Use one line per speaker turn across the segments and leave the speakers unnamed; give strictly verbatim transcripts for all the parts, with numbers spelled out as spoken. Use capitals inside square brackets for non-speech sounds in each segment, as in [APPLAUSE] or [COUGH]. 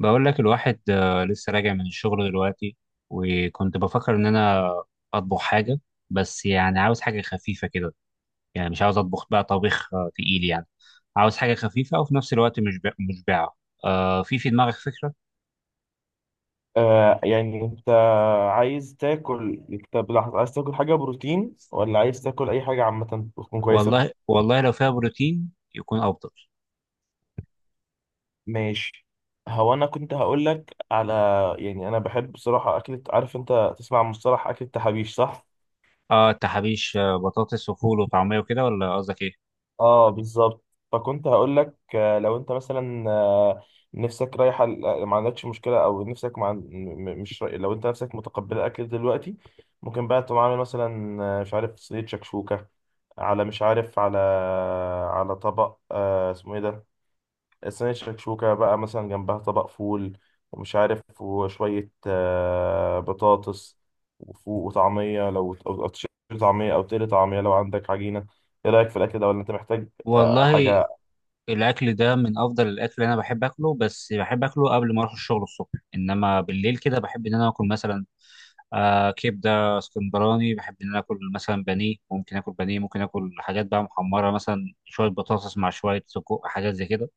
بقول لك الواحد آه، لسه راجع من الشغل دلوقتي، وكنت بفكر ان انا اطبخ حاجه، بس يعني عاوز حاجه خفيفه كده. يعني مش عاوز اطبخ بقى طبيخ آه، تقيل يعني. عاوز حاجه خفيفه وفي نفس الوقت مش مشبعه. آه في في دماغك فكره؟
آه يعني انت عايز تاكل. طب لحظة، عايز تاكل حاجة بروتين ولا عايز تاكل أي حاجة عامة تكون كويسة؟
والله والله لو فيها بروتين يكون افضل.
ماشي. هو أنا كنت هقولك على، يعني أنا بحب بصراحة أكلة، عارف أنت تسمع عن مصطلح أكلة تحابيش صح؟
اه انت حبيش، آه، بطاطس وفول وطعميه وكده ولا قصدك ايه؟
اه بالظبط. فكنت هقول لك، آه، لو انت مثلا، آه، نفسك رايحه ل- آه، ما عندكش مشكله، او نفسك مع م- م- مش راي- لو انت نفسك متقبله اكل دلوقتي، ممكن بقى تقوم عامل مثلا، آه، مش عارف، صينيه شكشوكه على، مش عارف، على على طبق، آه، اسمه ايه ده، صينية شكشوكة بقى مثلا جنبها طبق فول، ومش عارف، وشوية آه، بطاطس وفوق وطعمية، لو أو أو تشيل طعمية، أو تقلي طعمية لو عندك عجينة. إيه رأيك في الأكل ده، ولا أنت محتاج آه،
والله
حاجة؟
الاكل ده من افضل الاكل اللي انا بحب اكله، بس بحب اكله قبل ما اروح الشغل الصبح، انما بالليل كده بحب ان انا اكل مثلا آه كبده اسكندراني، بحب ان انا اكل مثلا بانيه، ممكن اكل بانيه، ممكن اكل حاجات بقى محمره مثلا شويه بطاطس مع شويه سجق، حاجات زي كده.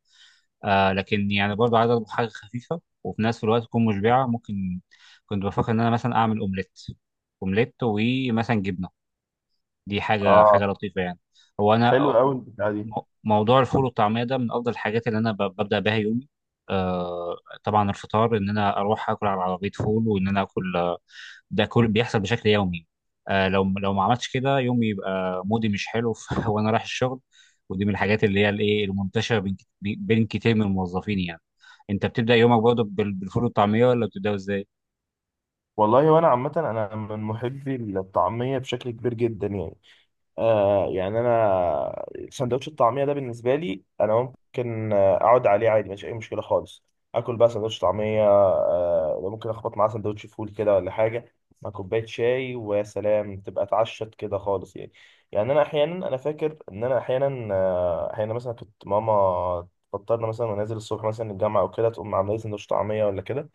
آه لكن يعني برضه عايز اطبخ حاجه خفيفه وفي نفس الوقت تكون مشبعه. ممكن كنت بفكر ان انا مثلا اعمل اومليت، اومليت ومثلا جبنه، دي حاجه
آه
حاجه لطيفه يعني. هو انا،
حلو أوي البتاعة دي.
مو- موضوع الفول والطعميه ده من افضل الحاجات اللي انا ب- ببدا بها يومي. آه طبعا الفطار ان انا اروح اكل على عربيه فول وان انا اكل، ده كل بيحصل بشكل يومي. آه لو لو ما عملتش كده يومي يبقى مودي مش حلو [LAUGHS] ف- وانا رايح الشغل. ودي من الحاجات اللي هي الايه المنتشره بين كت- بين كتير من الموظفين يعني. انت بتبدا يومك برضه بال- بالفول والطعميه ولا بتبداه ازاي؟
والله وأنا عامة أنا من محبي الطعمية بشكل كبير جدا يعني. آه يعني انا سندوتش الطعميه ده بالنسبه لي انا ممكن آه، اقعد عليه عادي، مفيش اي مشكله خالص. اكل بقى سندوتش طعميه، آه ممكن اخبط معاه سندوتش فول كده ولا حاجه، مع كوبايه شاي، ويا سلام تبقى اتعشت كده خالص يعني. يعني انا احيانا، انا فاكر ان انا احيانا آه، احيانا مثلا كنت ماما تفطرنا مثلا، ونازل الصبح مثلا الجامعه او كده، تقوم عامله لي سندوتش طعميه ولا كده،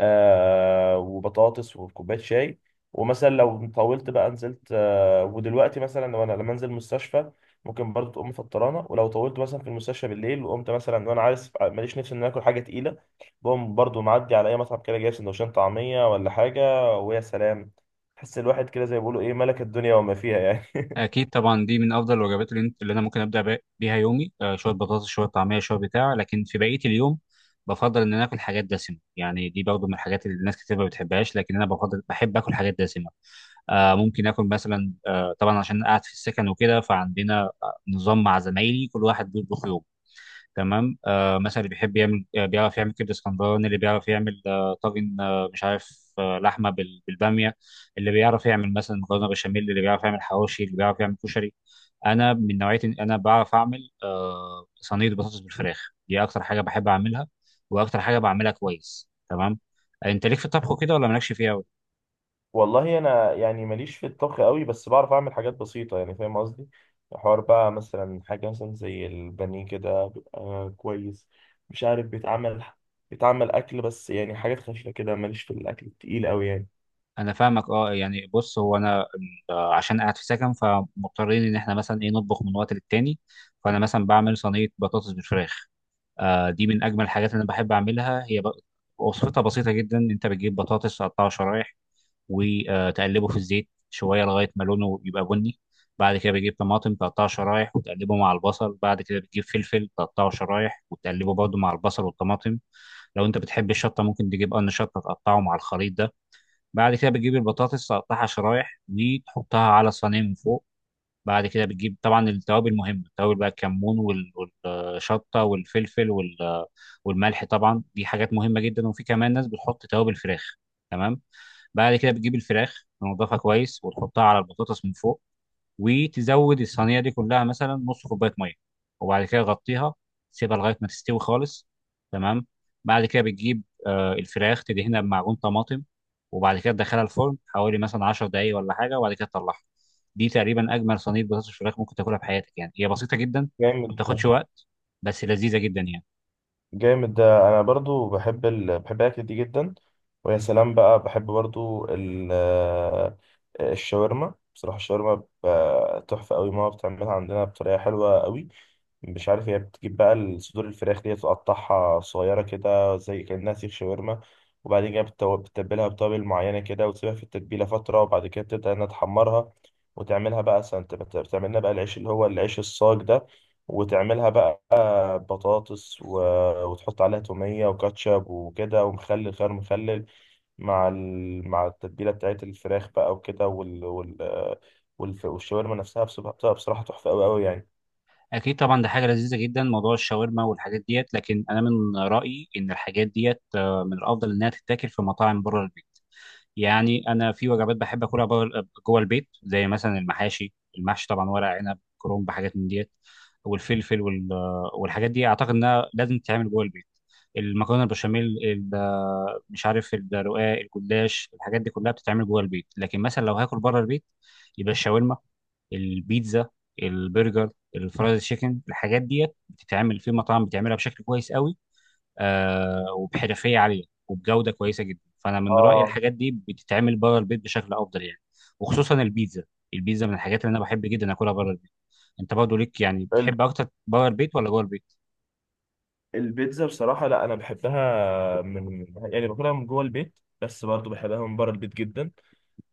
آه وبطاطس وكوبايه شاي. ومثلا لو طولت بقى نزلت، آه ودلوقتي مثلا لو انا لما انزل مستشفى، ممكن برضو تقوم مفطرانه. ولو طولت مثلا في المستشفى بالليل وقمت مثلا، وانا عارف ماليش نفسي ان أنا اكل حاجه تقيله، بقوم برضو معدي على اي مطعم كده، جايب سندوتشين طعميه ولا حاجه، ويا سلام، تحس الواحد كده زي ما بيقولوا ايه، ملك الدنيا وما فيها يعني.
اكيد طبعا دي من افضل الوجبات اللي, انت اللي انا ممكن ابدا بي- بيها يومي، آه شويه بطاطس شويه طعميه شويه بتاع. لكن في بقيه اليوم بفضل ان انا اكل حاجات دسمه، يعني دي برضه من الحاجات اللي الناس كتير ما بتحبهاش، لكن انا بفضل بحب اكل حاجات دسمه. آه، ممكن اكل مثلا، آه، طبعا عشان قاعد في السكن وكده، فعندنا آه، نظام مع زمايلي، كل واحد بيطبخ يوم. تمام، آه، مثلا اللي بيحب يعمل، آه، بيعرف يعمل كبده اسكندراني، اللي بيعرف يعمل آه، طاجن، آه، مش عارف، آه، لحمه بال- بالباميه، اللي بيعرف يعمل مثلا مكرونه بشاميل، اللي بيعرف يعمل حواوشي، اللي بيعرف يعمل كشري. انا من نوعيه إن انا بعرف اعمل آه، صينيه بطاطس بالفراخ، دي اكتر حاجه بحب اعملها واكتر حاجه بعملها كويس. تمام، انت ليك في الطبخ كده ولا مالكش فيها؟
والله انا يعني ماليش في الطبخ قوي، بس بعرف اعمل حاجات بسيطه يعني، فاهم قصدي. حوار بقى مثلا حاجه مثلا زي البانيه كده بيبقى كويس، مش عارف بيتعمل، بيتعمل اكل، بس يعني حاجات خفيفه كده، ماليش في الاكل التقيل قوي يعني.
انا فاهمك. اه يعني بص، هو انا آه، عشان قاعد في سكن فمضطرين ان احنا مثلا ايه نطبخ من وقت للتاني. فانا مثلا بعمل صينيه بطاطس بالفراخ، آه دي من اجمل الحاجات اللي انا بحب اعملها هي ب... وصفتها بسيطه جدا، انت بتجيب بطاطس تقطعه شرايح وتقلبه في الزيت شويه لغايه ما لونه يبقى بني. بعد كده بتجيب طماطم تقطعه شرايح وتقلبه مع البصل، بعد كده بتجيب فلفل تقطعه شرايح وتقلبه برضه مع البصل والطماطم. لو انت بتحب الشطه ممكن تجيب قرن شطه تقطعه مع الخليط ده. بعد كده بتجيب البطاطس تقطعها شرايح دي تحطها على الصينيه من فوق. بعد كده بتجيب طبعا التوابل مهمه، التوابل بقى الكمون وال- والشطه والفلفل وال- والملح، طبعا دي حاجات مهمه جدا، وفي كمان ناس بتحط توابل فراخ. تمام. بعد كده بتجيب الفراخ تنضفها كويس وتحطها على البطاطس من فوق، وتزود الصينيه دي كلها مثلا نص كوبايه ميه، وبعد كده غطيها، سيبها لغايه ما تستوي خالص. تمام. بعد كده بتجيب آه، الفراخ تدهنها بمعجون طماطم، وبعد كده تدخلها الفرن حوالي مثلا 10 دقايق ولا حاجه، وبعد كده تطلعها. دي تقريبا اجمل صينيه بطاطس فراخ ممكن تاكلها في حياتك، يعني هي بسيطه جدا، ما
جامد ده.
بتاخدش وقت، بس لذيذه جدا يعني.
جامد ده، انا برضو بحب ال... بحب الاكل دي جدا. ويا سلام بقى، بحب برضو ال... آه، الشاورما. بصراحه الشاورما ب- تحفه قوي. ماما بتعملها عندنا بطريقه حلوه قوي. مش عارف، هي بتجيب بقى الصدور الفراخ دي، تقطعها صغيرة كده زي كأنها سيخ شاورما، وبعدين كده بتتو- بتتبلها بتوابل معينة كده، وتسيبها في التتبيلة فترة، وبعد كده بتبدأ إنها تحمرها. وتعملها بقى سنت، بت- بتعمل لنا بقى العيش، اللي هو العيش الصاج ده. وتعملها بقى بطاطس و... وتحط عليها تومية وكاتشب وكده، ومخلل خيار مخلل، مع ال... مع التتبيلة بتاعت الفراخ بقى وكده، وال... وال... والف... والشاورما نفسها بصراحة، بصراحة تحفة أوي أوي يعني.
اكيد طبعا ده حاجه لذيذه جدا موضوع الشاورما والحاجات ديت، لكن انا من رايي ان الحاجات ديت آه، من الافضل انها تتاكل في مطاعم بره البيت. يعني انا في وجبات بحب اكلها بره- جوه البيت، زي مثلا المحاشي، المحشي طبعا، ورق عنب، كرنب، حاجات من ديت، والفلفل وال- والحاجات دي اعتقد انها لازم تتعمل جوه البيت. المكرونه البشاميل، ال- مش عارف، الرقاق، الجلاش، الحاجات دي كلها بتتعمل جوه البيت. لكن مثلا لو هاكل بره البيت، يبقى الشاورما، البيتزا، البرجر، الفرايد تشيكن، الحاجات ديت بتتعمل في مطاعم بتعملها بشكل كويس قوي، آه وبحرفيه عاليه وبجوده كويسه جدا. فانا من رايي
اه.
الحاجات دي بتتعمل بره البيت بشكل افضل يعني، وخصوصا البيتزا. البيتزا من الحاجات اللي انا بحب جدا اكلها بره البيت. انت برضه ليك، يعني بتحب اكتر بره البيت ولا جوه البيت؟
البيتزا بصراحة، لا أنا بحبها من، يعني باكلها من جوه البيت، بس برضو بحبها من بره البيت جدا.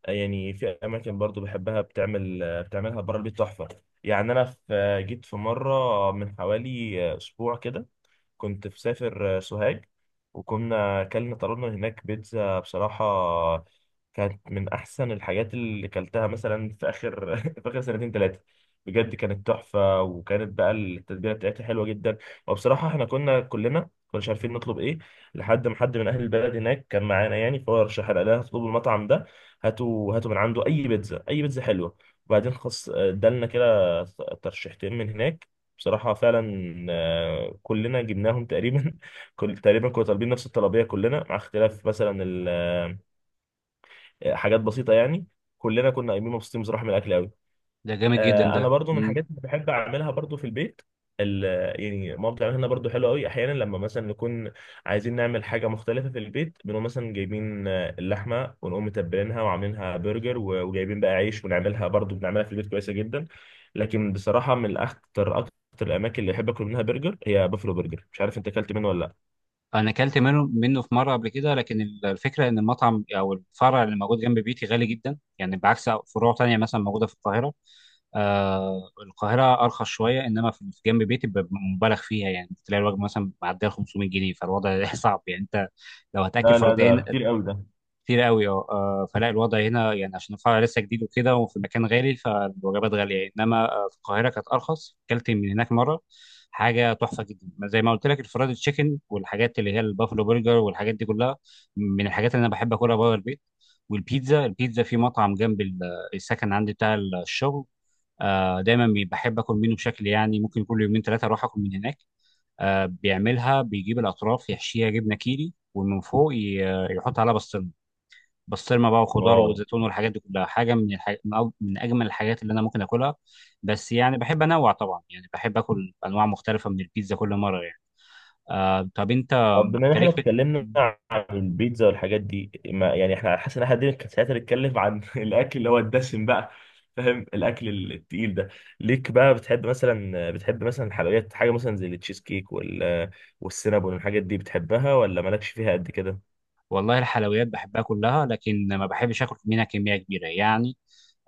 يعني في أماكن برضو بحبها، بتعمل بتعملها بره البيت تحفة. يعني أنا في جيت في مرة من حوالي أسبوع كده، كنت في سافر آه، سوهاج، وكنا أكلنا طلبنا من هناك بيتزا. بصراحة كانت من أحسن الحاجات اللي كلتها، مثلا في آخر [LAUGHS] في آخر سنتين ثلاثة. بجد كانت تحفة، وكانت بقى التتبيلة بتاعتها حلوة جدا. وبصراحة احنا كنا كلنا كناش عارفين نطلب ايه، لحد ما حد من أهل البلد هناك كان معانا يعني، فهو رشح لنا، قال لنا اطلبوا المطعم ده، هاتوا هاتوا من عنده أي بيتزا، أي بيتزا حلوة. وبعدين خص آه، ادالنا كده ترشيحتين من هناك. بصراحة فعلا آه، كلنا جبناهم تقريبا [LAUGHS] كل تقريبا كنا طالبين نفس الطلبية كلنا، مع اختلاف مثلا ال- آه، حاجات بسيطة يعني. كلنا كنا قايمين مبسوطين بصراحة من الأكل أوي.
ده جامد جدا
آه،
ده.
انا برضو من
مم.
الحاجات اللي بحب اعملها برضو في البيت ال- يعني ماما بتعملها لنا برضو حلو قوي. احيانا لما مثلا نكون عايزين نعمل حاجه مختلفه في البيت، بنقوم مثلا جايبين آه، اللحمه، ونقوم متبلينها وعاملينها برجر، و- وجايبين بقى عيش، ونعملها برضو بنعملها في البيت كويسه جدا. لكن بصراحه من اكتر اكتر الاماكن اللي بحب اكل منها برجر، هي بافلو برجر. مش عارف انت اكلت منه ولا.
انا اكلت منه منه في مره قبل كده، لكن ال- الفكره ان المطعم او الفرع اللي موجود جنب بيتي غالي جدا، يعني بعكس فروع تانية مثلا موجوده في القاهره. آه القاهرة أرخص شوية، إنما في في جنب بيتي بيبقى مبالغ فيها. يعني تلاقي الوجبة مثلا معدية خمسمائة جنيه، فالوضع [LAUGHS] صعب يعني. أنت لو هتاكل
لا لا لا
فردين
ده كتير قوي ده.
كتير قوي أه آه، فلا الوضع هنا يعني عشان الفرع لسه جديد وكده وفي مكان غالي فالوجبات غالية يعني. إنما آه، في القاهرة كانت أرخص، أكلت من هناك مرة حاجة تحفة جدا. زي ما قلت لك، الفرايد تشيكن والحاجات اللي هي البافلو برجر والحاجات دي كلها من الحاجات اللي أنا بحب أكلها بره البيت. والبيتزا، البيتزا في مطعم جنب ال- السكن عندي بتاع الشغل، آه، دايما بي- بحب اكل منه بشكل يعني، ممكن كل يومين ثلاثه اروح اكل من هناك. آه، بيعملها بيجيب الاطراف يحشيها جبنه كيري ومن فوق ي- يحط عليها بسطرمه. بسطرمه بقى وخضار
واو.
وزيتون والحاجات دي كلها، حاجه من الحاج... من أو- من اجمل الحاجات اللي انا ممكن اكلها. بس يعني بحب انوع طبعا، يعني بحب اكل انواع مختلفه من البيتزا كل مره يعني. آه، طب انت
طب بما ان
أنت
احنا
ليك في؟
اتكلمنا عن البيتزا والحاجات دي، ما يعني احنا حاسس ان احنا قاعدين ساعتها نتكلم عن [LAUGHS] الاكل اللي هو الدسم بقى، فاهم الاكل التقيل ده، ليك بقى بتحب مثلا، بتحب مثلا الحلويات، حاجه مثلا زي التشيز كيك وال والسينابون والحاجات دي بتحبها، ولا مالكش فيها قد كده؟
والله الحلويات بحبها كلها، لكن ما بحبش اكل منها كميه كبيره يعني.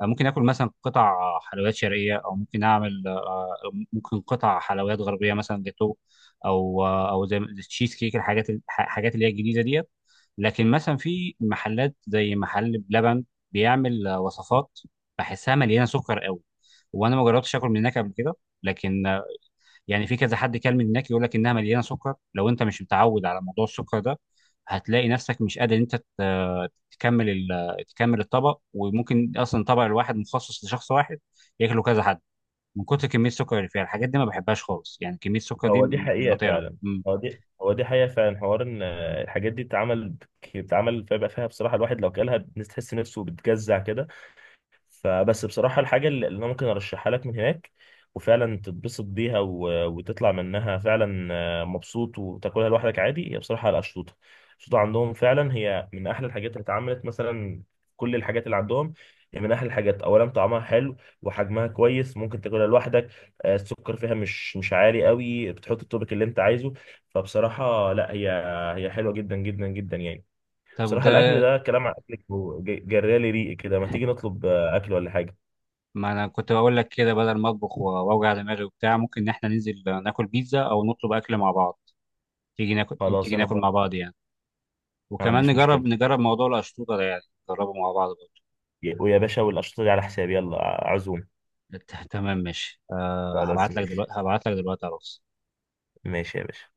ممكن اكل مثلا قطع حلويات شرقيه، او ممكن اعمل، آه، ممكن قطع حلويات غربيه مثلا جاتو، او آه، او زي التشيز كيك، الحاجات الحاجات اللي هي الجديده ديت. لكن مثلا في محلات زي محل بلبن بيعمل آه، وصفات بحسها مليانه سكر قوي، وانا ما جربتش اكل من هناك قبل كده، لكن يعني في كذا حد كلمني هناك يقول لك انها مليانه سكر. لو انت مش متعود على موضوع السكر ده هتلاقي نفسك مش قادر إن انت ت- تكمل ال- تكمل الطبق، وممكن اصلا الطبق الواحد مخصص لشخص واحد ياكله كذا حد، من كتر كميه السكر اللي فيها. الحاجات دي ما بحبهاش خالص يعني، كميه السكر دي
هو دي
مش
حقيقه
بطيئه.
فعلا.
مم.
هو دي هو دي حقيقه فعلا. حوار ان آه، الحاجات دي بتتعمل، بتتعمل، فيبقى فيها بصراحه الواحد لو كلها تحس نفسه بتجزع كده. فبس بصراحة، الحاجة اللي اللي أنا ممكن أرشحها لك من هناك، وفعلا تتبسط بيها و- وتطلع منها فعلا آه، مبسوط، وتاكلها لوحدك عادي، هي بصراحة الأشطوطة. الأشطوطة عندهم فعلا هي من أحلى الحاجات اللي اتعملت، مثلا كل الحاجات اللي عندهم. هي من أحلى الحاجات، أولا طعمها حلو، وحجمها كويس ممكن تاكلها لوحدك. آه، السكر فيها مش مش عالي قوي، بتحط التوبك اللي أنت عايزه. فبصراحة لا، هي هي حلوة جدا جدا جدا يعني.
طب
بصراحة الأكل
ده،
ده، كلام عن أكلك وج- جرالي ريقي كده. ما تيجي نطلب آه، أكل ولا حاجة؟
ما انا كنت بقول لك كده بدل ما اطبخ و- واوجع دماغي وبتاع، ممكن ان احنا ننزل ناكل بيتزا، او نطلب اكل مع بعض. تيجي ناكل،
خلاص
تيجي
أنا
ناكل
موافق.
مع بعض يعني،
ما
وكمان
عنديش
نجرب
مشكلة.
نجرب موضوع القشطوطه ده يعني، نجربه مع بعض.
يا- ويا باشا، والأشطة دي على حسابي، يلا ع- عزوم.
ت- تمام ماشي، أه
خلاص
هبعت لك دلوقتي،
ماشي.
هبعت لك دلوقتي على الواتس.
ماشي يا باشا.